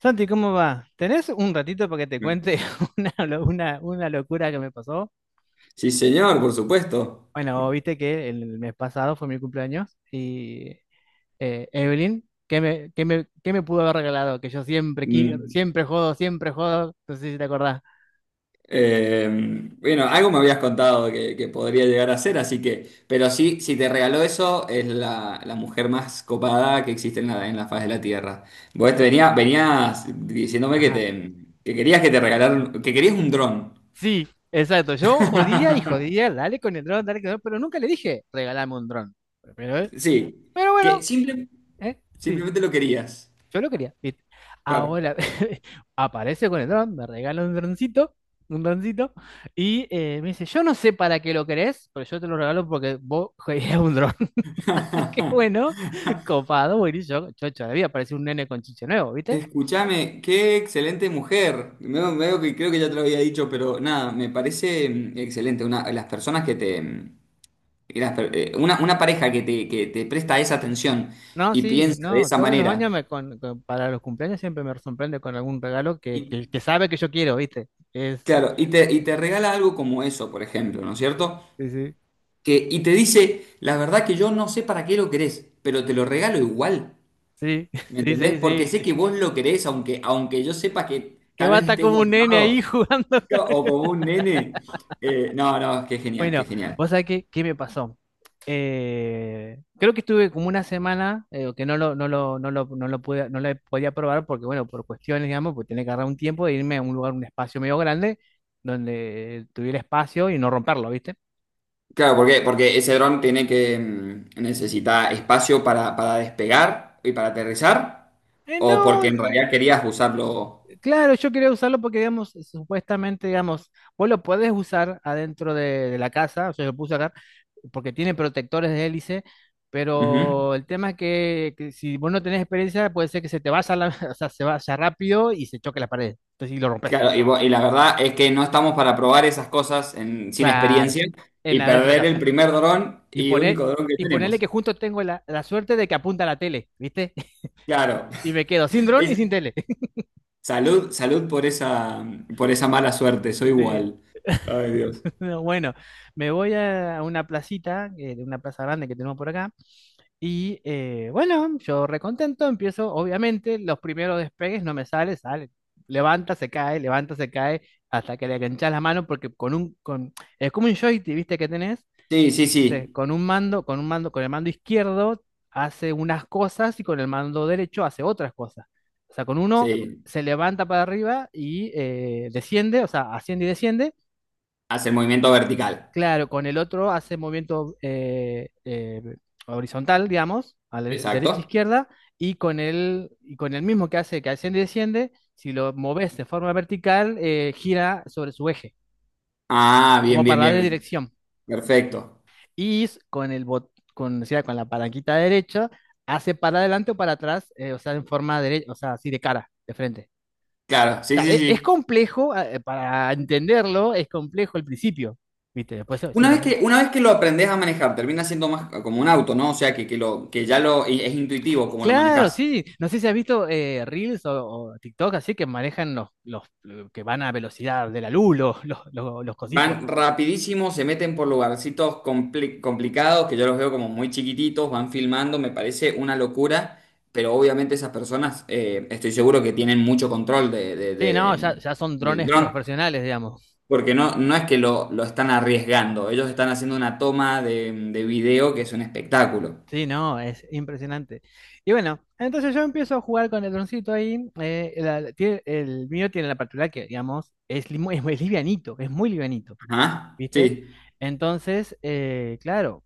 Santi, ¿cómo va? ¿Tenés un ratito para que te cuente una locura que me pasó? Sí, señor, por supuesto. Bueno, viste que el mes pasado fue mi cumpleaños y Evelyn, ¿qué me pudo haber regalado? Que yo siempre, Mm, siempre jodo, no sé si te acordás. eh, bueno, algo me habías contado que podría llegar a ser, así que, pero sí, si te regaló eso, es la mujer más copada que existe en la faz de la Tierra. Vos venías diciéndome que Ajá. te querías que te regalaran, que querías un dron. Sí, exacto, yo jodía y jodía, dale con el dron, dale con el dron, pero nunca le dije, regalame un dron. Pero, Sí, pero que bueno, simple- ¿eh? Sí. simplemente lo querías. Yo lo quería, ¿viste? Claro. Ahora aparece con el dron, me regala un droncito, y me dice, yo no sé para qué lo querés, pero yo te lo regalo porque vos querías un dron. Así que bueno, copado, buenísimo, chocho de la vida, parece un nene con chiche nuevo, ¿viste? Escúchame, qué excelente mujer. Veo que creo que ya te lo había dicho, pero nada, me parece excelente. Una, las personas que te. Mm, una pareja que te presta esa atención No, y sí, piensa de no, esa todos los años manera. me para los cumpleaños siempre me sorprende con algún regalo que, Y, que, que sabe que yo quiero, ¿viste? Es, claro, y te regala algo como eso, por ejemplo, ¿no es cierto? sí, sí, Que, y te dice, la verdad que yo no sé para qué lo querés, pero te lo regalo igual. sí, ¿Me sí, sí, entendés? Porque sé sí, que vos lo querés, aunque yo sepa que que tal va a vez estar estés como un nene ahí guardado. jugando. O como un nene. No, no, qué genial, qué Bueno, genial. vos sabés qué, qué me pasó. Creo que estuve como una semana que no lo, no lo, no lo, no lo pude, no lo podía probar porque, bueno, por cuestiones, digamos, pues tenía que agarrar un tiempo de irme a un lugar, un espacio medio grande, donde tuviera espacio y no romperlo, ¿viste? Claro, ¿por qué? Porque ese dron necesita espacio para despegar y para aterrizar, o no. porque en realidad querías usarlo. Claro, yo quería usarlo porque, digamos, supuestamente, digamos, vos lo podés usar adentro de la casa, o sea, lo puse acá, porque tiene protectores de hélice, Ujú. pero el tema es que si vos no tenés experiencia, puede ser que se te vaya, la, o sea, se vaya rápido y se choque la pared. Entonces, y lo rompes. Claro, y, y la verdad es que no estamos para probar esas cosas sin Claro, experiencia en y la dentro de la perder el casa. primer dron Y y poner, único dron que y ponerle tenemos. que junto tengo la, la suerte de que apunta a la tele, ¿viste? Claro. Y me quedo sin dron y Es- sin tele. Salud, salud por esa mala suerte, soy Sí. igual. Ay, Dios. Bueno, me voy a una placita, de una plaza grande que tenemos por acá. Y bueno, yo recontento, empiezo, obviamente, los primeros despegues no me sale, sale. Levanta, se cae, hasta que le enganchas la mano, porque con es como un joystick, ¿viste? Que tenés, Sí, sí, entonces, sí. Con el mando izquierdo hace unas cosas y con el mando derecho hace otras cosas. O sea, con uno Sí. se levanta para arriba y desciende, o sea, asciende y desciende. Hace el movimiento vertical. Claro, con el otro hace movimiento horizontal, digamos, a la derecha e Exacto. izquierda, y con el mismo que hace que asciende y desciende, si lo moves de forma vertical, gira sobre su eje, Ah, bien, como bien, para bien, de bien. dirección. Perfecto. Y con el bot- con, o sea, con la palanquita derecha, hace para adelante o para atrás, o sea, en forma derecha, o sea, así de cara, de frente. Claro, O sí, sea, sí, es sí. complejo, para entenderlo, es complejo el principio, ¿viste? Después Una vez que, seguramente. una vez que lo aprendes a manejar, termina siendo más como un auto, ¿no? O sea, que, lo, que ya lo, y es intuitivo como lo Claro, manejas. sí. No sé si has visto Reels o TikTok así que manejan los que van a velocidad de la luz, los cositos. Van rapidísimo, se meten por lugarcitos complicados, que yo los veo como muy chiquititos, van filmando, me parece una locura, pero obviamente esas personas, estoy seguro que tienen mucho control Sí, no, ya, ya son del drones dron. profesionales, digamos. Porque no, no es que lo están arriesgando, ellos están haciendo una toma de video que es un espectáculo. Sí, no, es impresionante. Y bueno, entonces yo empiezo a jugar con el droncito ahí. El mío tiene la particularidad que, digamos, es, es muy livianito, Ajá, ¿viste? sí, Entonces, claro,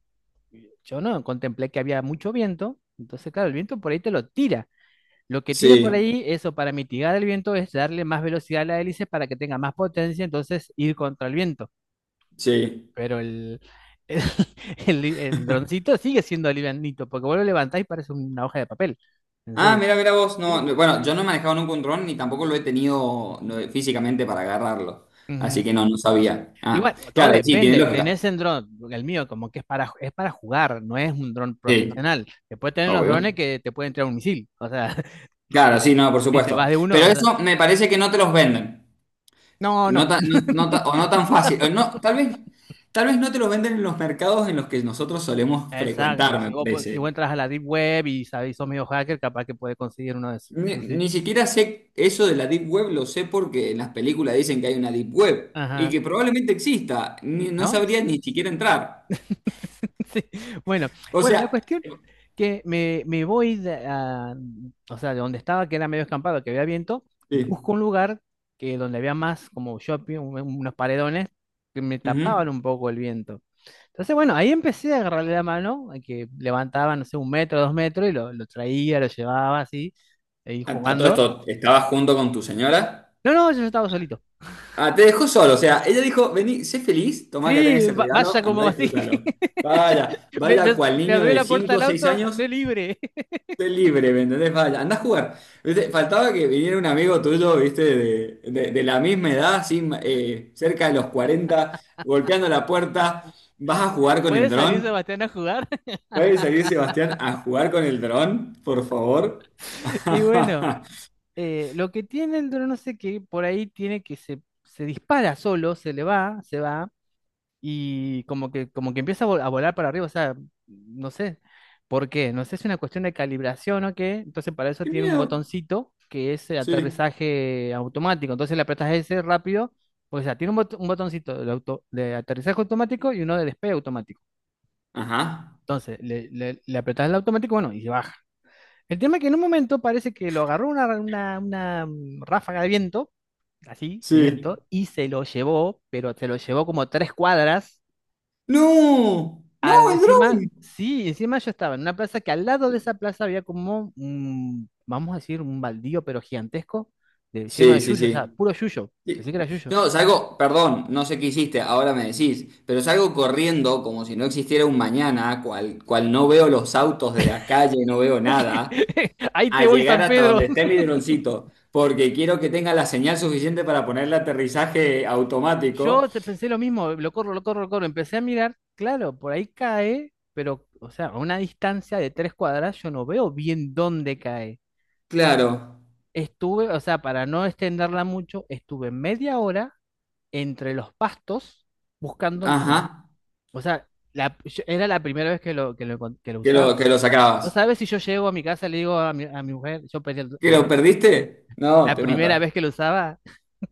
yo no contemplé que había mucho viento. Entonces, claro, el viento por ahí te lo tira. Lo que tiene por sí, ahí, eso para mitigar el viento, es darle más velocidad a la hélice para que tenga más potencia, entonces ir contra el viento. sí. Pero el, el droncito sigue siendo livianito, porque vos lo levantás y parece una hoja de papel. En Ah, serio. mira, mira vos, no, Sí. no, bueno, yo no he manejado nunca un dron ni tampoco lo he tenido no, físicamente para agarrarlo, así Ujú. que no, no sabía. Ah, Igual, todo claro, y sí, tiene depende. lógica. Tenés el dron, el mío, como que es para jugar, no es un dron Sí, profesional. Después tenés los obvio. drones que te pueden entrar un misil. O sea, Claro, sí, no, por viste, supuesto. vas de uno, Pero o sea. eso me parece que no te los venden. No, no. No tan, no tan fácil. O no, tal vez no te lo venden en los mercados en los que nosotros solemos Exacto, frecuentar, si me vos, si vos parece. entras a la Deep Web y sabés, sos medio hacker, capaz que puedes conseguir uno de esos. Ni, Sí, sí. ni siquiera sé eso de la Deep Web, lo sé porque en las películas dicen que hay una Deep Web y Ajá. que probablemente exista. No ¿No? sabría ni siquiera entrar. Sí. Bueno, O bueno, la sea, cuestión que me, o sea, de donde estaba, que era medio escampado, que había viento, busco sí. un lugar que donde había más como shopping, unos paredones que me tapaban Ujú. un poco el viento. Entonces, bueno, ahí empecé a agarrarle la mano, a que levantaba, no sé, un metro, dos metros, y lo traía, lo llevaba así, ahí A todo jugando. esto, ¿estabas junto con tu señora? No, no, yo estaba solito. Ah, te dejó solo. O sea, ella dijo, vení, sé feliz, tomá que Sí, tenés el regalo, vaya andá como a así. disfrútalo. Vaya, Me, vaya me- cual Me niño abrió de la puerta cinco o del seis auto, años sé libre. Esté libre, ¿me entendés? Vaya, andá a jugar. ¿Viste? Faltaba que viniera un amigo tuyo, ¿viste? De la misma edad, así, cerca de los 40, golpeando la puerta. ¿Vas a jugar con el Puede salir dron? Sebastián a jugar. ¿Puede salir Sebastián a jugar con el dron, por favor? Y bueno, lo que tiene el dron, no sé qué, por ahí tiene que se dispara solo, se le va, se va, y como que empieza a a volar para arriba, o sea, no sé por qué, no sé si es una cuestión de calibración o qué, entonces para eso ¡Qué tiene un miedo! botoncito que es el Sí. aterrizaje automático, entonces le apretas ese rápido, o sea, tiene un, un botoncito de, de aterrizaje automático y uno de despegue automático, Ajá. entonces le apretas el automático, bueno, y se baja. El tema es que en un momento parece que lo agarró una ráfaga de viento, así, de Sí. viento, y se lo llevó, pero se lo llevó como 3 cuadras. ¡No! ¡No, Al, el encima, dron! sí, encima yo estaba en una plaza que al lado de esa plaza había como un, vamos a decir, un baldío, pero gigantesco, lleno de Sí, sí, yuyo, o sea, sí. puro yuyo. Pensé Sí. que era yuyo. No, salgo, perdón, no sé qué hiciste, ahora me decís, pero salgo corriendo como si no existiera un mañana, cual, cual no veo los autos de la calle, no veo nada, Ahí a te voy, llegar San hasta Pedro. donde esté mi droncito, porque quiero que tenga la señal suficiente para ponerle aterrizaje automático. Yo pensé lo mismo, lo corro, lo corro, lo corro. Empecé a mirar, claro, por ahí cae, pero, o sea, a una distancia de 3 cuadras yo no veo bien dónde cae. Claro, Estuve, o sea, para no extenderla mucho, estuve media hora entre los pastos buscando el dron. ajá, O sea, era la primera vez que lo que lo, usaba. que lo No sacabas. sabes si yo llego a mi casa y le digo a mi mujer, yo pedí ¿Que el lo dron. perdiste? No, La te primera mata. vez que lo usaba.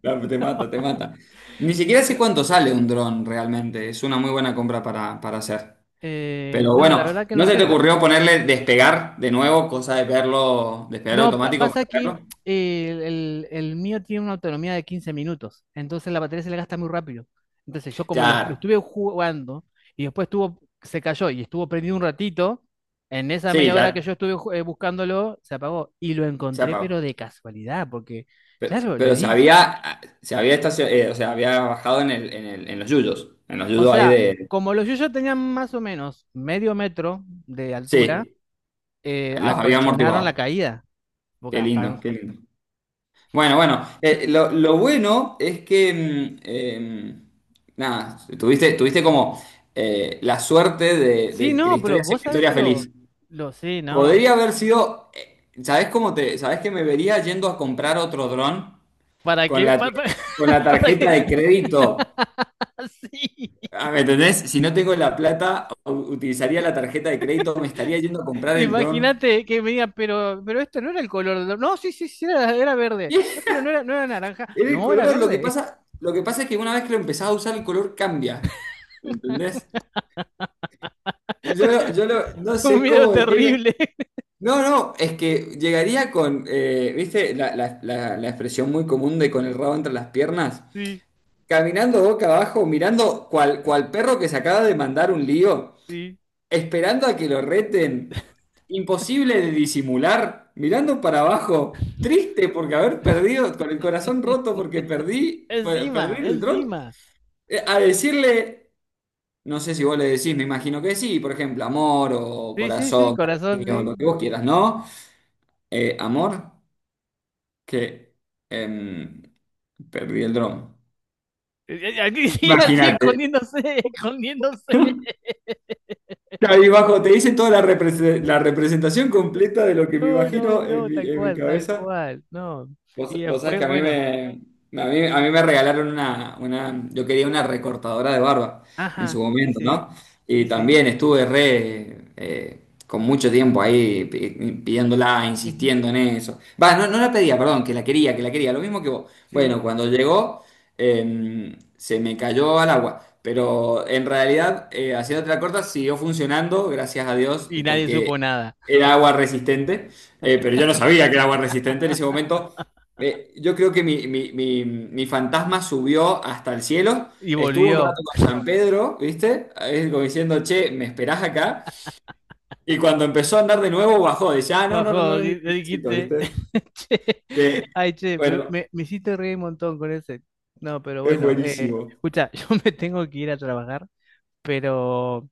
Te mata, te mata. Ni siquiera sé Bueno, cuánto sale un dron realmente, es una muy buena compra para hacer. Pero no, la bueno, verdad que ¿no no se te sé. ocurrió ponerle despegar de nuevo, cosa de verlo, despegar No, automático pasa que para verlo? El mío tiene una autonomía de 15 minutos. Entonces la batería se le gasta muy rápido. Entonces yo como lo Claro, estuve jugando y después estuvo, se cayó y estuvo prendido un ratito, en esa sí, media hora que yo ya estuve buscándolo, se apagó. Y lo se encontré, pero apagó. de casualidad, porque, claro, le Pero, di. O sea, había bajado en el, en los O yuyos ahí sea, de... como los yuyos tenían más o menos medio metro de altura, Sí, los había acolchonaron la amortiguado. caída. Porque Qué hasta... lindo, no. qué lindo. Bueno, bueno, lo bueno es que, nada, tuviste como la suerte de, Sí, de que la no, pero historia sea vos una sabés historia que feliz. lo... Lo sí, no. Podría haber sido, sabes que me vería yendo a comprar otro dron ¿Para con qué? la, tar- con la ¿Para, tarjeta qué? de crédito. Sí. Ah, ¿me entendés? Si no tengo la plata, utilizaría la tarjeta de crédito, me estaría yendo a comprar el dron. Imagínate que me digan, pero esto no era el color. No, sí, sí, sí, era, era verde. "No, pero no era, no era naranja. Era el No, era color, lo que verde. pasa, lo que pasa es que una vez que lo empezás a usar, el color cambia. ¿Me entendés? No Un sé miedo cómo decirle. terrible. No, no, es que llegaría con, ¿viste? La expresión muy común de con el rabo entre las piernas. Sí, Caminando boca abajo, mirando cual, cual perro que se acaba de mandar un lío, sí. esperando a que lo reten, imposible de disimular, mirando para abajo, triste porque haber perdido, con el corazón roto porque perdí Encima, el dron, encima. A decirle, no sé si vos le decís, me imagino que sí, por ejemplo, amor o Sí, sí, sí, corazón, corazón, cariño, lo que sí. vos quieras, ¿no? Amor, que em, perdí el dron. Aquí sí, así Imagínate. escondiéndose, escondiéndose. Ahí bajo, te hice toda la representación completa de lo que me No, no, imagino no, en mi tal cabeza. cual, no. Y Vos sabés después, que a mí bueno, me, a mí me regalaron yo quería una recortadora de barba en ajá, su sí, momento, sí, ¿no? Y sí, sí, también estuve con mucho tiempo ahí pidiéndola, ujú, insistiendo en eso. Va, no, no la pedía, perdón, que la quería, lo mismo que vos. sí. Bueno, cuando llegó, se me cayó al agua. Pero en realidad, haciéndote la corta, siguió funcionando, gracias a Dios, Y nadie porque supo nada. era agua resistente. Pero yo no sabía que era agua resistente en ese momento. Yo creo que mi fantasma subió hasta el cielo, Y estuvo un rato volvió, con San Pedro, ¿viste? Ahí como diciendo, che, ¿me esperás acá? Y cuando empezó a andar de nuevo, bajó, decía ah, no, no, no, bajó, no no y le necesito, dijiste, ¿viste? che, Eh, ay, che, me, bueno, me, me hiciste reír un montón con ese. No, pero es bueno, buenísimo. escucha, yo me tengo que ir a trabajar, pero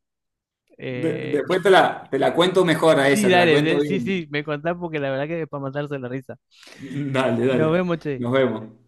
Eh, Después te la, te la cuento mejor a sí, esa, te la dale, cuento sí, bien. sí, me contás porque la verdad que es para matarse la risa. Dale, Nos dale, vemos, che. nos vemos.